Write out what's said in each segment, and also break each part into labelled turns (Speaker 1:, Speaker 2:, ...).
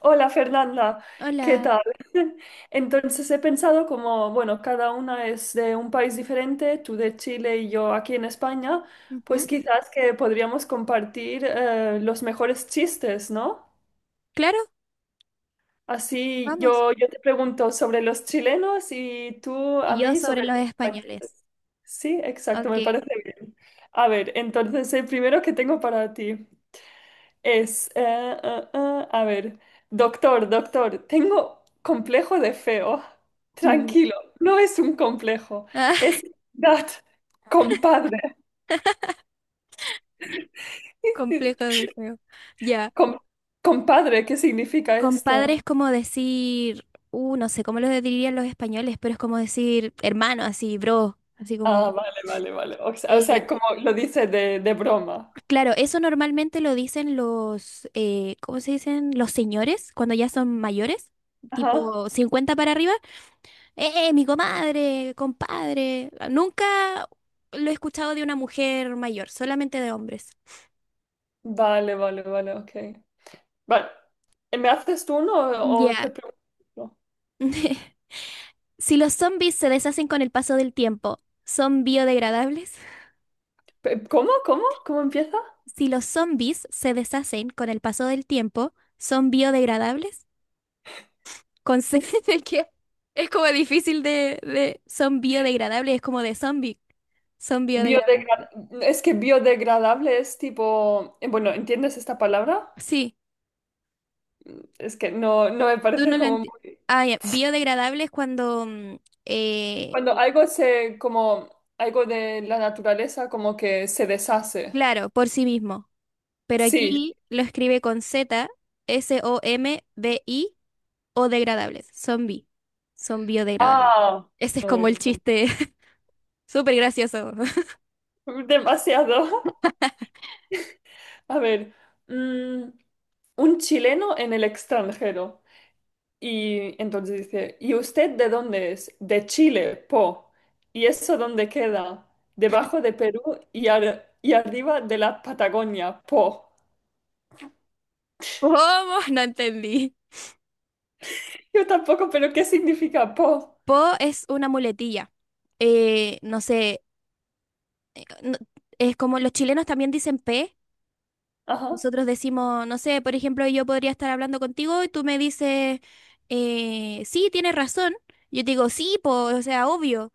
Speaker 1: Hola Fernanda, ¿qué
Speaker 2: Hola.
Speaker 1: tal? Entonces he pensado como, bueno, cada una es de un país diferente, tú de Chile y yo aquí en España,
Speaker 2: Ujú.
Speaker 1: pues quizás que podríamos compartir los mejores chistes, ¿no?
Speaker 2: Claro,
Speaker 1: Así
Speaker 2: vamos.
Speaker 1: yo te pregunto sobre los chilenos y tú a
Speaker 2: Y yo
Speaker 1: mí
Speaker 2: sobre
Speaker 1: sobre
Speaker 2: los
Speaker 1: los
Speaker 2: españoles.
Speaker 1: españoles. Sí, exacto,
Speaker 2: Ok.
Speaker 1: me parece bien. A ver, entonces el primero que tengo para ti. Es, a ver, doctor, doctor, tengo complejo de feo.
Speaker 2: Ya.
Speaker 1: Tranquilo, no es un complejo,
Speaker 2: Ah,
Speaker 1: es that, compadre.
Speaker 2: complejo del juego. Ya.
Speaker 1: Com- Compadre, ¿qué significa
Speaker 2: Compadre
Speaker 1: esto?
Speaker 2: es como decir, no sé cómo lo dirían los españoles, pero es como decir hermano, así, bro, así como.
Speaker 1: Ah, vale, vale, vale. O
Speaker 2: eh,
Speaker 1: sea, como lo dice de broma.
Speaker 2: claro, eso normalmente lo dicen los, ¿cómo se dicen? Los señores, cuando ya son mayores,
Speaker 1: Ajá.
Speaker 2: tipo 50 para arriba. Mi comadre, compadre. Nunca lo he escuchado de una mujer mayor, solamente de hombres.
Speaker 1: Vale, vale, vale, ok. Vale. ¿Me haces tú uno o
Speaker 2: Ya.
Speaker 1: te pregunto?
Speaker 2: Si los zombies se deshacen con el paso del tiempo, ¿son biodegradables?
Speaker 1: ¿Cómo? ¿Cómo? ¿Cómo empieza?
Speaker 2: Si los zombies se deshacen con el paso del tiempo, ¿son biodegradables? Con C, de que es como difícil de. Son biodegradables, es como de zombie. Son biodegradables.
Speaker 1: Biodegra- es que biodegradable es tipo, bueno, ¿entiendes esta palabra?
Speaker 2: Sí,
Speaker 1: Es que no me
Speaker 2: tú no
Speaker 1: parece
Speaker 2: lo
Speaker 1: como
Speaker 2: entiendes.
Speaker 1: muy...
Speaker 2: Ah, ya, Biodegradable es cuando eh,
Speaker 1: Cuando algo se, como algo de la naturaleza, como que se deshace.
Speaker 2: claro, por sí mismo. Pero
Speaker 1: Sí.
Speaker 2: aquí lo escribe con Z, S-O-M-B-I o degradables. Zombie. Son biodegradables.
Speaker 1: Ah,
Speaker 2: Ese es como
Speaker 1: uy,
Speaker 2: el chiste. Súper gracioso.
Speaker 1: demasiado. A ver, mm, un chileno en el extranjero. Y entonces dice, ¿y usted de dónde es? De Chile, po. ¿Y eso dónde queda? Debajo de Perú y, y arriba de la Patagonia, po.
Speaker 2: ¿Cómo? No entendí.
Speaker 1: Yo tampoco, pero ¿qué significa po?
Speaker 2: Po es una muletilla. No sé. eh, no- es como los chilenos también dicen P.
Speaker 1: Ajá.
Speaker 2: Nosotros decimos, no sé, por ejemplo, yo podría estar hablando contigo y tú me dices, sí, tienes razón. Yo te digo, sí, po, o sea, obvio.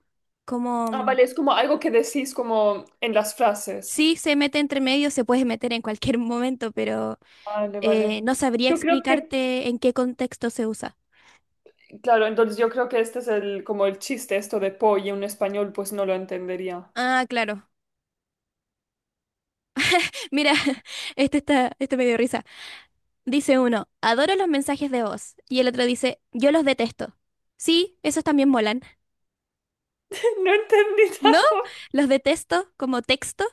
Speaker 1: Ah,
Speaker 2: Como.
Speaker 1: vale, es como algo que decís como en las frases.
Speaker 2: Sí, se mete entre medio, se puede meter en cualquier momento, pero
Speaker 1: Vale, vale.
Speaker 2: no sabría
Speaker 1: Yo creo que,
Speaker 2: explicarte en qué contexto se usa.
Speaker 1: claro, entonces yo creo que este es el, como el chiste, esto de po, y un español pues no lo entendería.
Speaker 2: Ah, claro. Mira, este me dio risa. Dice uno, adoro los mensajes de voz. Y el otro dice, yo los detesto. Sí, esos también molan.
Speaker 1: No entendí
Speaker 2: ¿No?
Speaker 1: tampoco.
Speaker 2: Los detesto como texto.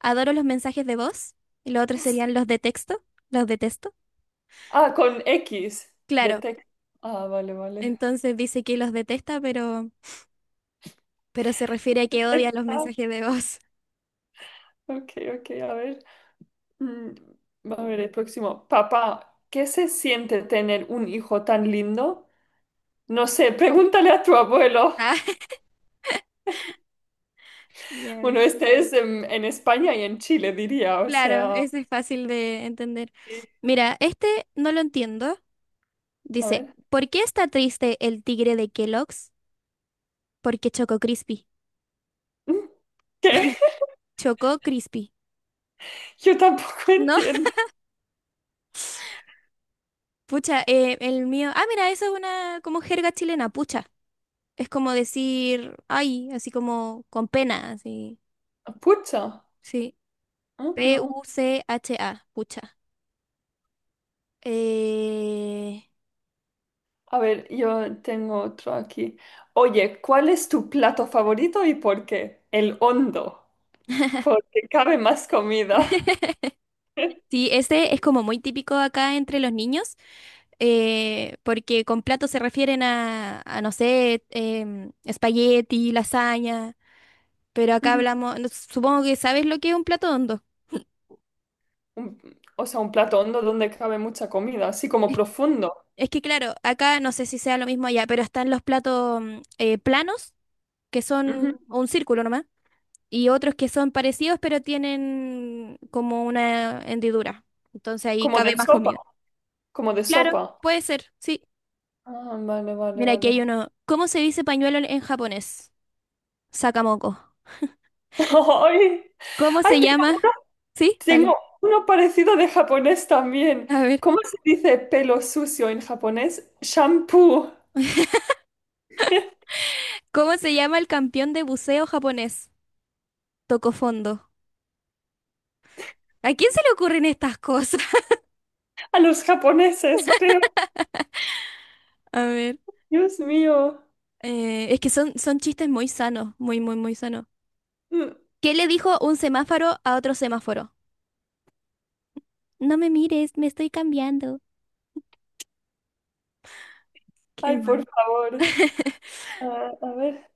Speaker 2: Adoro los mensajes de voz. Y los otros serían los de texto. Los detesto.
Speaker 1: Ah, con X, de
Speaker 2: Claro.
Speaker 1: tex- Ah, vale, vale.
Speaker 2: Entonces dice que los detesta, pero se refiere a que odia los
Speaker 1: Exacto.
Speaker 2: mensajes de voz.
Speaker 1: Ok, ok, a ver. Mm, a ver, el próximo. Papá, ¿qué se siente tener un hijo tan lindo? No sé, pregúntale a tu abuelo.
Speaker 2: Ah, ya.
Speaker 1: Bueno, este es en España y en Chile, diría, o
Speaker 2: Claro,
Speaker 1: sea.
Speaker 2: ese es fácil de entender.
Speaker 1: Sí.
Speaker 2: Mira, este no lo entiendo.
Speaker 1: A
Speaker 2: Dice,
Speaker 1: ver.
Speaker 2: ¿por qué está triste el tigre de Kellogg's? Porque chocó Crispy.
Speaker 1: Mm. ¿Qué?
Speaker 2: Chocó Crispy.
Speaker 1: Yo tampoco
Speaker 2: No,
Speaker 1: entiendo.
Speaker 2: pucha, el mío. Ah, mira, eso es una como jerga chilena, pucha. Es como decir, ay, así como con pena, así.
Speaker 1: Pucha.
Speaker 2: Sí.
Speaker 1: Ah, no.
Speaker 2: P-U-C-H-A, pucha. Eh...
Speaker 1: A ver, yo tengo otro aquí. Oye, ¿cuál es tu plato favorito y por qué? El hondo, porque cabe más comida.
Speaker 2: Sí, ese es como muy típico acá entre los niños, porque con plato se refieren a, no sé, espagueti, lasaña, pero acá
Speaker 1: Ujú.
Speaker 2: hablamos, supongo que sabes lo que es un plato hondo.
Speaker 1: un- o sea, un plato hondo donde cabe mucha comida, así como profundo.
Speaker 2: Es que claro, acá no sé si sea lo mismo allá, pero están los platos planos, que son
Speaker 1: Ujú.
Speaker 2: un círculo nomás, y otros que son parecidos, pero tienen como una hendidura. Entonces ahí
Speaker 1: Como
Speaker 2: cabe
Speaker 1: de
Speaker 2: más
Speaker 1: sopa,
Speaker 2: comida.
Speaker 1: como de
Speaker 2: Claro,
Speaker 1: sopa.
Speaker 2: puede ser, sí.
Speaker 1: Ah, vale, vale,
Speaker 2: Mira, aquí hay
Speaker 1: vale.
Speaker 2: uno. ¿Cómo se dice pañuelo en japonés? Sakamoto.
Speaker 1: ¡Ay!
Speaker 2: ¿Cómo
Speaker 1: ¡Ay,
Speaker 2: se
Speaker 1: tengo,
Speaker 2: llama? Sí, dale.
Speaker 1: tengo uno parecido de japonés también!
Speaker 2: A ver.
Speaker 1: ¿Cómo se dice pelo sucio en japonés? Shampoo.
Speaker 2: ¿Cómo se llama el campeón de buceo japonés? Toco fondo. ¿A quién se le ocurren estas cosas?
Speaker 1: A los japoneses, creo.
Speaker 2: A ver.
Speaker 1: Dios mío.
Speaker 2: Es que son chistes muy sanos, muy, muy, muy sanos.
Speaker 1: Mm.
Speaker 2: ¿Qué le dijo un semáforo a otro semáforo? No me mires, me estoy cambiando. Qué
Speaker 1: Ay, por
Speaker 2: mal.
Speaker 1: favor. Ah, a ver.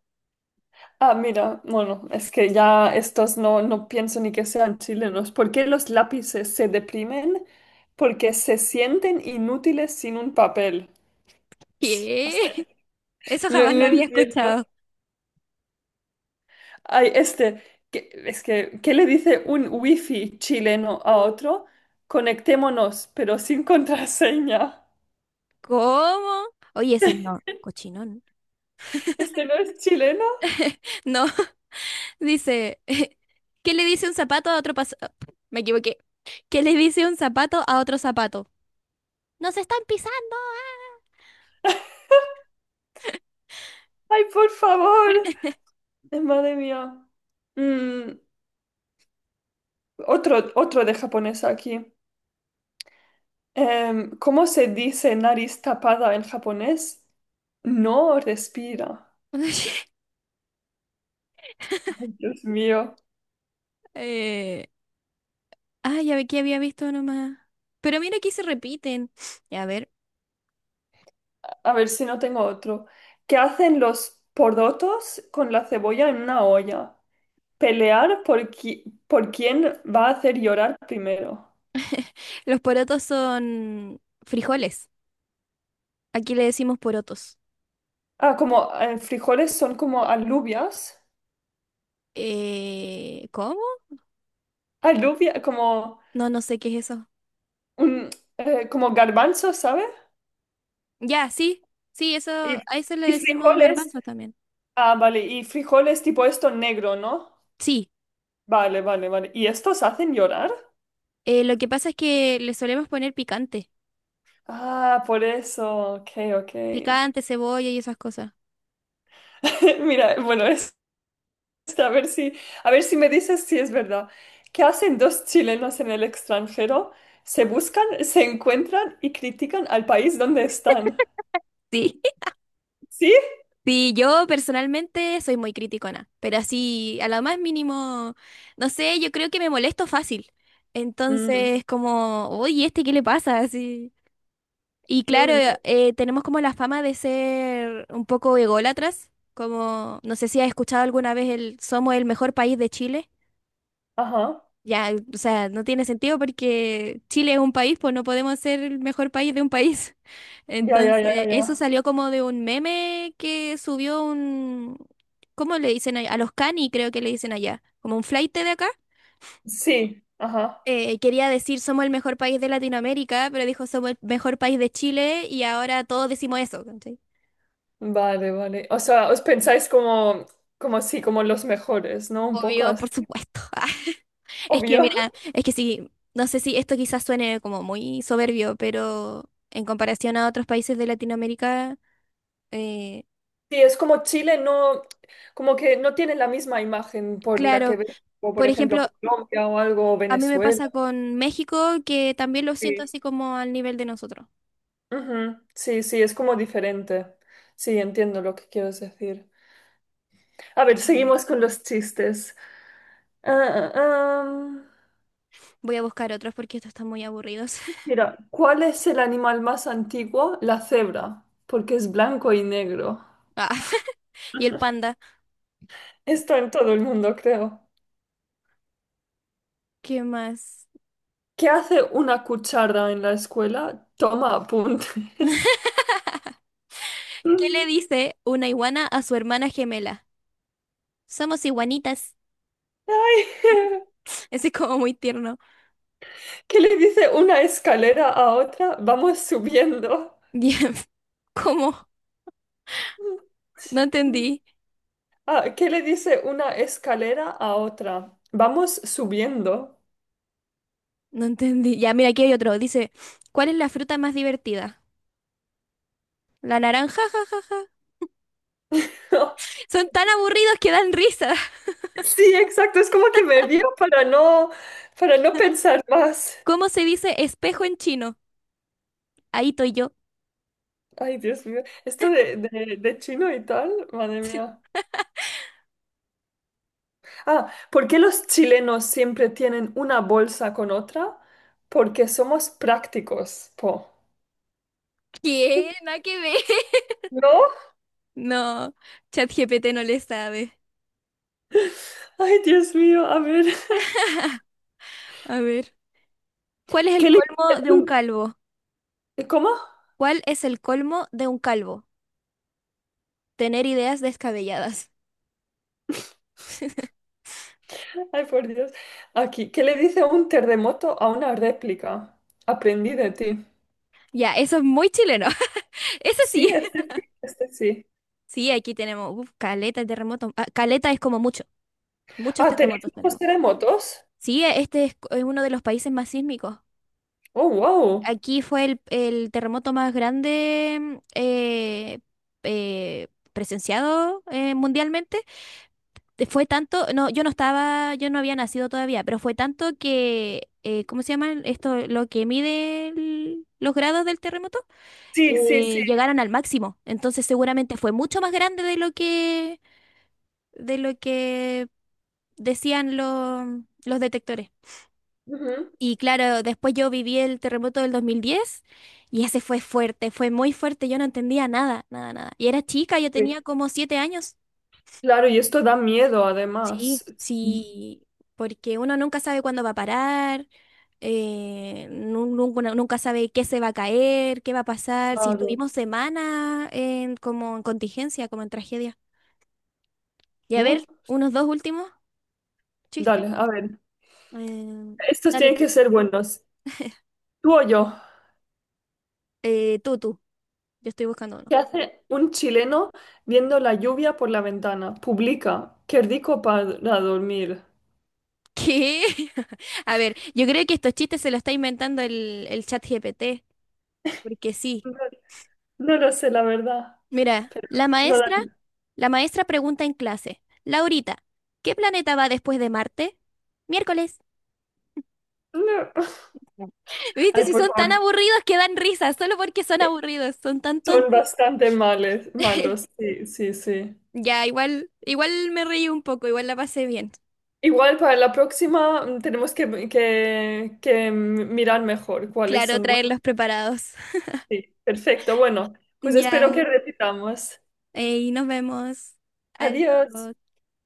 Speaker 1: Ah, mira, bueno, es que ya estos no, no pienso ni que sean chilenos. ¿Por qué los lápices se deprimen? Porque se sienten inútiles sin un papel. O sea,
Speaker 2: ¿Qué? Eso
Speaker 1: no,
Speaker 2: jamás
Speaker 1: no
Speaker 2: lo había
Speaker 1: entiendo.
Speaker 2: escuchado.
Speaker 1: Ay, este, es que, ¿qué le dice un wifi chileno a otro? Conectémonos, pero sin contraseña.
Speaker 2: ¿Cómo? Oye, ese no, cochinón.
Speaker 1: ¿Este no es chileno?
Speaker 2: No. Dice, ¿qué le dice un zapato a otro? Me equivoqué. ¿Qué le dice un zapato a otro zapato? ¡Nos están pisando!
Speaker 1: Ay, por favor. Madre mía. Mm, otro de japonés aquí. ¿Cómo se dice nariz tapada en japonés? No respira. Ay, Dios mío.
Speaker 2: Eh, ah, ya ve que había visto nomás. Pero mira aquí se repiten. A ver,
Speaker 1: A ver si no tengo otro. ¿Qué hacen los porotos con la cebolla en una olla? Pelear por, por quién va a hacer llorar primero.
Speaker 2: los porotos son frijoles. Aquí le decimos porotos.
Speaker 1: Ah, como frijoles son como alubias.
Speaker 2: ¿Cómo?
Speaker 1: Alubia, como
Speaker 2: No, no sé qué es eso.
Speaker 1: un, como garbanzo, ¿sabe?
Speaker 2: Ya, sí, sí, eso,
Speaker 1: Y,
Speaker 2: a eso le
Speaker 1: y
Speaker 2: decimos
Speaker 1: frijoles.
Speaker 2: garbanzos también.
Speaker 1: Ah, vale. Y frijoles tipo esto negro, ¿no?
Speaker 2: Sí,
Speaker 1: Vale, vale, vale. ¿Y estos hacen llorar?
Speaker 2: lo que pasa es que le solemos poner picante,
Speaker 1: Ah, por eso. Ok, ok.
Speaker 2: picante, cebolla y esas cosas.
Speaker 1: Mira, bueno, es, a ver si, a ver si me dices si es verdad. ¿Qué hacen dos chilenos en el extranjero? Se buscan, se encuentran y critican al país donde están.
Speaker 2: Sí,
Speaker 1: ¿Sí?
Speaker 2: sí, yo personalmente soy muy criticona, pero así a lo más mínimo, no sé, yo creo que me molesto fácil.
Speaker 1: Mm.
Speaker 2: Entonces, como, uy, ¿este qué le pasa? Así. Y claro,
Speaker 1: Uy.
Speaker 2: tenemos como la fama de ser un poco ególatras, como, no sé si has escuchado alguna vez el somos el mejor país de Chile.
Speaker 1: Ajá.
Speaker 2: Ya, o sea, no tiene sentido porque Chile es un país, pues no podemos ser el mejor país de un país.
Speaker 1: Ya, ya, ya,
Speaker 2: Entonces, eso
Speaker 1: ya.
Speaker 2: salió como de un meme que subió un, ¿cómo le dicen allá? A los cani creo que le dicen allá, como un flaite de acá.
Speaker 1: Sí, ajá.
Speaker 2: Quería decir somos el mejor país de Latinoamérica, pero dijo somos el mejor país de Chile y ahora todos decimos eso, ¿cachai?
Speaker 1: Vale, vale. O sea, os pensáis como, como sí, como los mejores, ¿no? Un poco
Speaker 2: Obvio, por
Speaker 1: así.
Speaker 2: supuesto. Es que
Speaker 1: Obvio.
Speaker 2: mira, es que sí, no sé si esto quizás suene como muy soberbio, pero en comparación a otros países de Latinoamérica, eh,
Speaker 1: Sí, es como Chile no, como que no tiene la misma imagen por la
Speaker 2: claro,
Speaker 1: que ves, como por
Speaker 2: por
Speaker 1: ejemplo
Speaker 2: ejemplo,
Speaker 1: Colombia o algo, o
Speaker 2: a mí me
Speaker 1: Venezuela.
Speaker 2: pasa con México, que también lo siento
Speaker 1: Sí.
Speaker 2: así como al nivel de nosotros.
Speaker 1: Ujú, sí, sí, es como diferente. Sí, entiendo lo que quieres decir. A
Speaker 2: Que
Speaker 1: ver, seguimos con los chistes. Ah, ah, am.
Speaker 2: Voy a buscar otros porque estos están muy aburridos.
Speaker 1: Mira, ¿cuál es el animal más antiguo? La cebra, porque es blanco y negro.
Speaker 2: Ah, y el panda,
Speaker 1: Esto en todo el mundo, creo.
Speaker 2: ¿qué más?
Speaker 1: ¿Qué hace una cuchara en la escuela? Toma apuntes.
Speaker 2: ¿Qué le dice una iguana a su hermana gemela? Somos iguanitas.
Speaker 1: Ay,
Speaker 2: Ese es como muy tierno.
Speaker 1: ¿qué le dice una escalera a otra? Vamos subiendo.
Speaker 2: Bien. ¿Cómo? No entendí.
Speaker 1: Ah, ¿qué le dice una escalera a otra? Vamos subiendo.
Speaker 2: No entendí. Ya, mira, aquí hay otro. Dice, ¿cuál es la fruta más divertida? ¿La naranja? Son tan aburridos que dan risa.
Speaker 1: Sí, exacto. Es como que me río para no pensar más.
Speaker 2: ¿Cómo se dice espejo en chino? Ahí estoy yo.
Speaker 1: Ay, Dios mío. Esto de chino y tal, madre mía. Ah, ¿por qué los chilenos siempre tienen una bolsa con otra? Porque somos prácticos, po.
Speaker 2: ¿Qué? Nada que ver.
Speaker 1: ¿No?
Speaker 2: No, ChatGPT no le sabe.
Speaker 1: Ay, Dios mío, a ver.
Speaker 2: A ver. ¿Cuál es el
Speaker 1: ¿qué le dice
Speaker 2: colmo de un
Speaker 1: un-
Speaker 2: calvo?
Speaker 1: ¿Cómo?
Speaker 2: ¿Cuál es el colmo de un calvo? Tener ideas descabelladas.
Speaker 1: Ay, por Dios. Aquí, ¿qué le dice un terremoto a una réplica? Aprendí de ti.
Speaker 2: Ya, eso es muy chileno. Ese
Speaker 1: Sí,
Speaker 2: sí.
Speaker 1: este sí, este sí.
Speaker 2: Sí, aquí tenemos uf, caleta de terremotos. Ah, caleta es como mucho. Muchos
Speaker 1: Ah, ¿tenéis
Speaker 2: terremotos
Speaker 1: muchos
Speaker 2: tenemos.
Speaker 1: terremotos?
Speaker 2: Sí, este es uno de los países más sísmicos.
Speaker 1: Oh, wow.
Speaker 2: Aquí fue el terremoto más grande presenciado mundialmente fue tanto, no, yo no estaba, yo no había nacido todavía, pero fue tanto que, ¿cómo se llaman esto? Lo que mide los grados del terremoto,
Speaker 1: Sí, sí, sí.
Speaker 2: llegaron al máximo. Entonces seguramente fue mucho más grande de lo que decían los detectores.
Speaker 1: Ujú.
Speaker 2: Y claro, después yo viví el terremoto del 2010 y ese fue fuerte, fue muy fuerte, yo no entendía nada, nada, nada. Y era chica, yo
Speaker 1: Sí.
Speaker 2: tenía como 7 años.
Speaker 1: Claro, y esto da miedo
Speaker 2: Sí,
Speaker 1: además. Sí,
Speaker 2: sí, porque uno nunca sabe cuándo va a parar, uno nunca sabe qué se va a caer, qué va a pasar, si
Speaker 1: claro.
Speaker 2: estuvimos semanas en, como en contingencia, como en tragedia. Y a
Speaker 1: Bu.
Speaker 2: ver, unos dos últimos chistes.
Speaker 1: Dale, a ver.
Speaker 2: Eh,
Speaker 1: Estos
Speaker 2: dale
Speaker 1: tienen que
Speaker 2: tú.
Speaker 1: ser buenos. ¿Tú o yo?
Speaker 2: Tú, tú. Yo estoy buscando uno.
Speaker 1: ¿Qué hace un chileno viendo la lluvia por la ventana? Publica. Qué rico para dormir.
Speaker 2: ¿Qué? A ver, yo creo que estos chistes se los está inventando el chat GPT, porque sí.
Speaker 1: No, no lo sé, la verdad.
Speaker 2: Mira,
Speaker 1: Pero
Speaker 2: la
Speaker 1: no,
Speaker 2: maestra La maestra pregunta en clase, Laurita, ¿qué planeta va después de Marte? Miércoles.
Speaker 1: no.
Speaker 2: ¿Viste?
Speaker 1: Ay,
Speaker 2: Si
Speaker 1: por
Speaker 2: son tan
Speaker 1: favor.
Speaker 2: aburridos que dan risa, solo porque son aburridos, son tan
Speaker 1: Son
Speaker 2: tontos.
Speaker 1: bastante males, malos. Sí, sí, sí.
Speaker 2: Ya, igual, igual me reí un poco, igual la pasé bien.
Speaker 1: Igual para la próxima tenemos que mirar mejor cuáles
Speaker 2: Claro,
Speaker 1: son buenos.
Speaker 2: traerlos preparados.
Speaker 1: Sí, perfecto. Bueno, pues
Speaker 2: Ya,
Speaker 1: espero que repitamos.
Speaker 2: y nos vemos.
Speaker 1: Adiós.
Speaker 2: Adiós.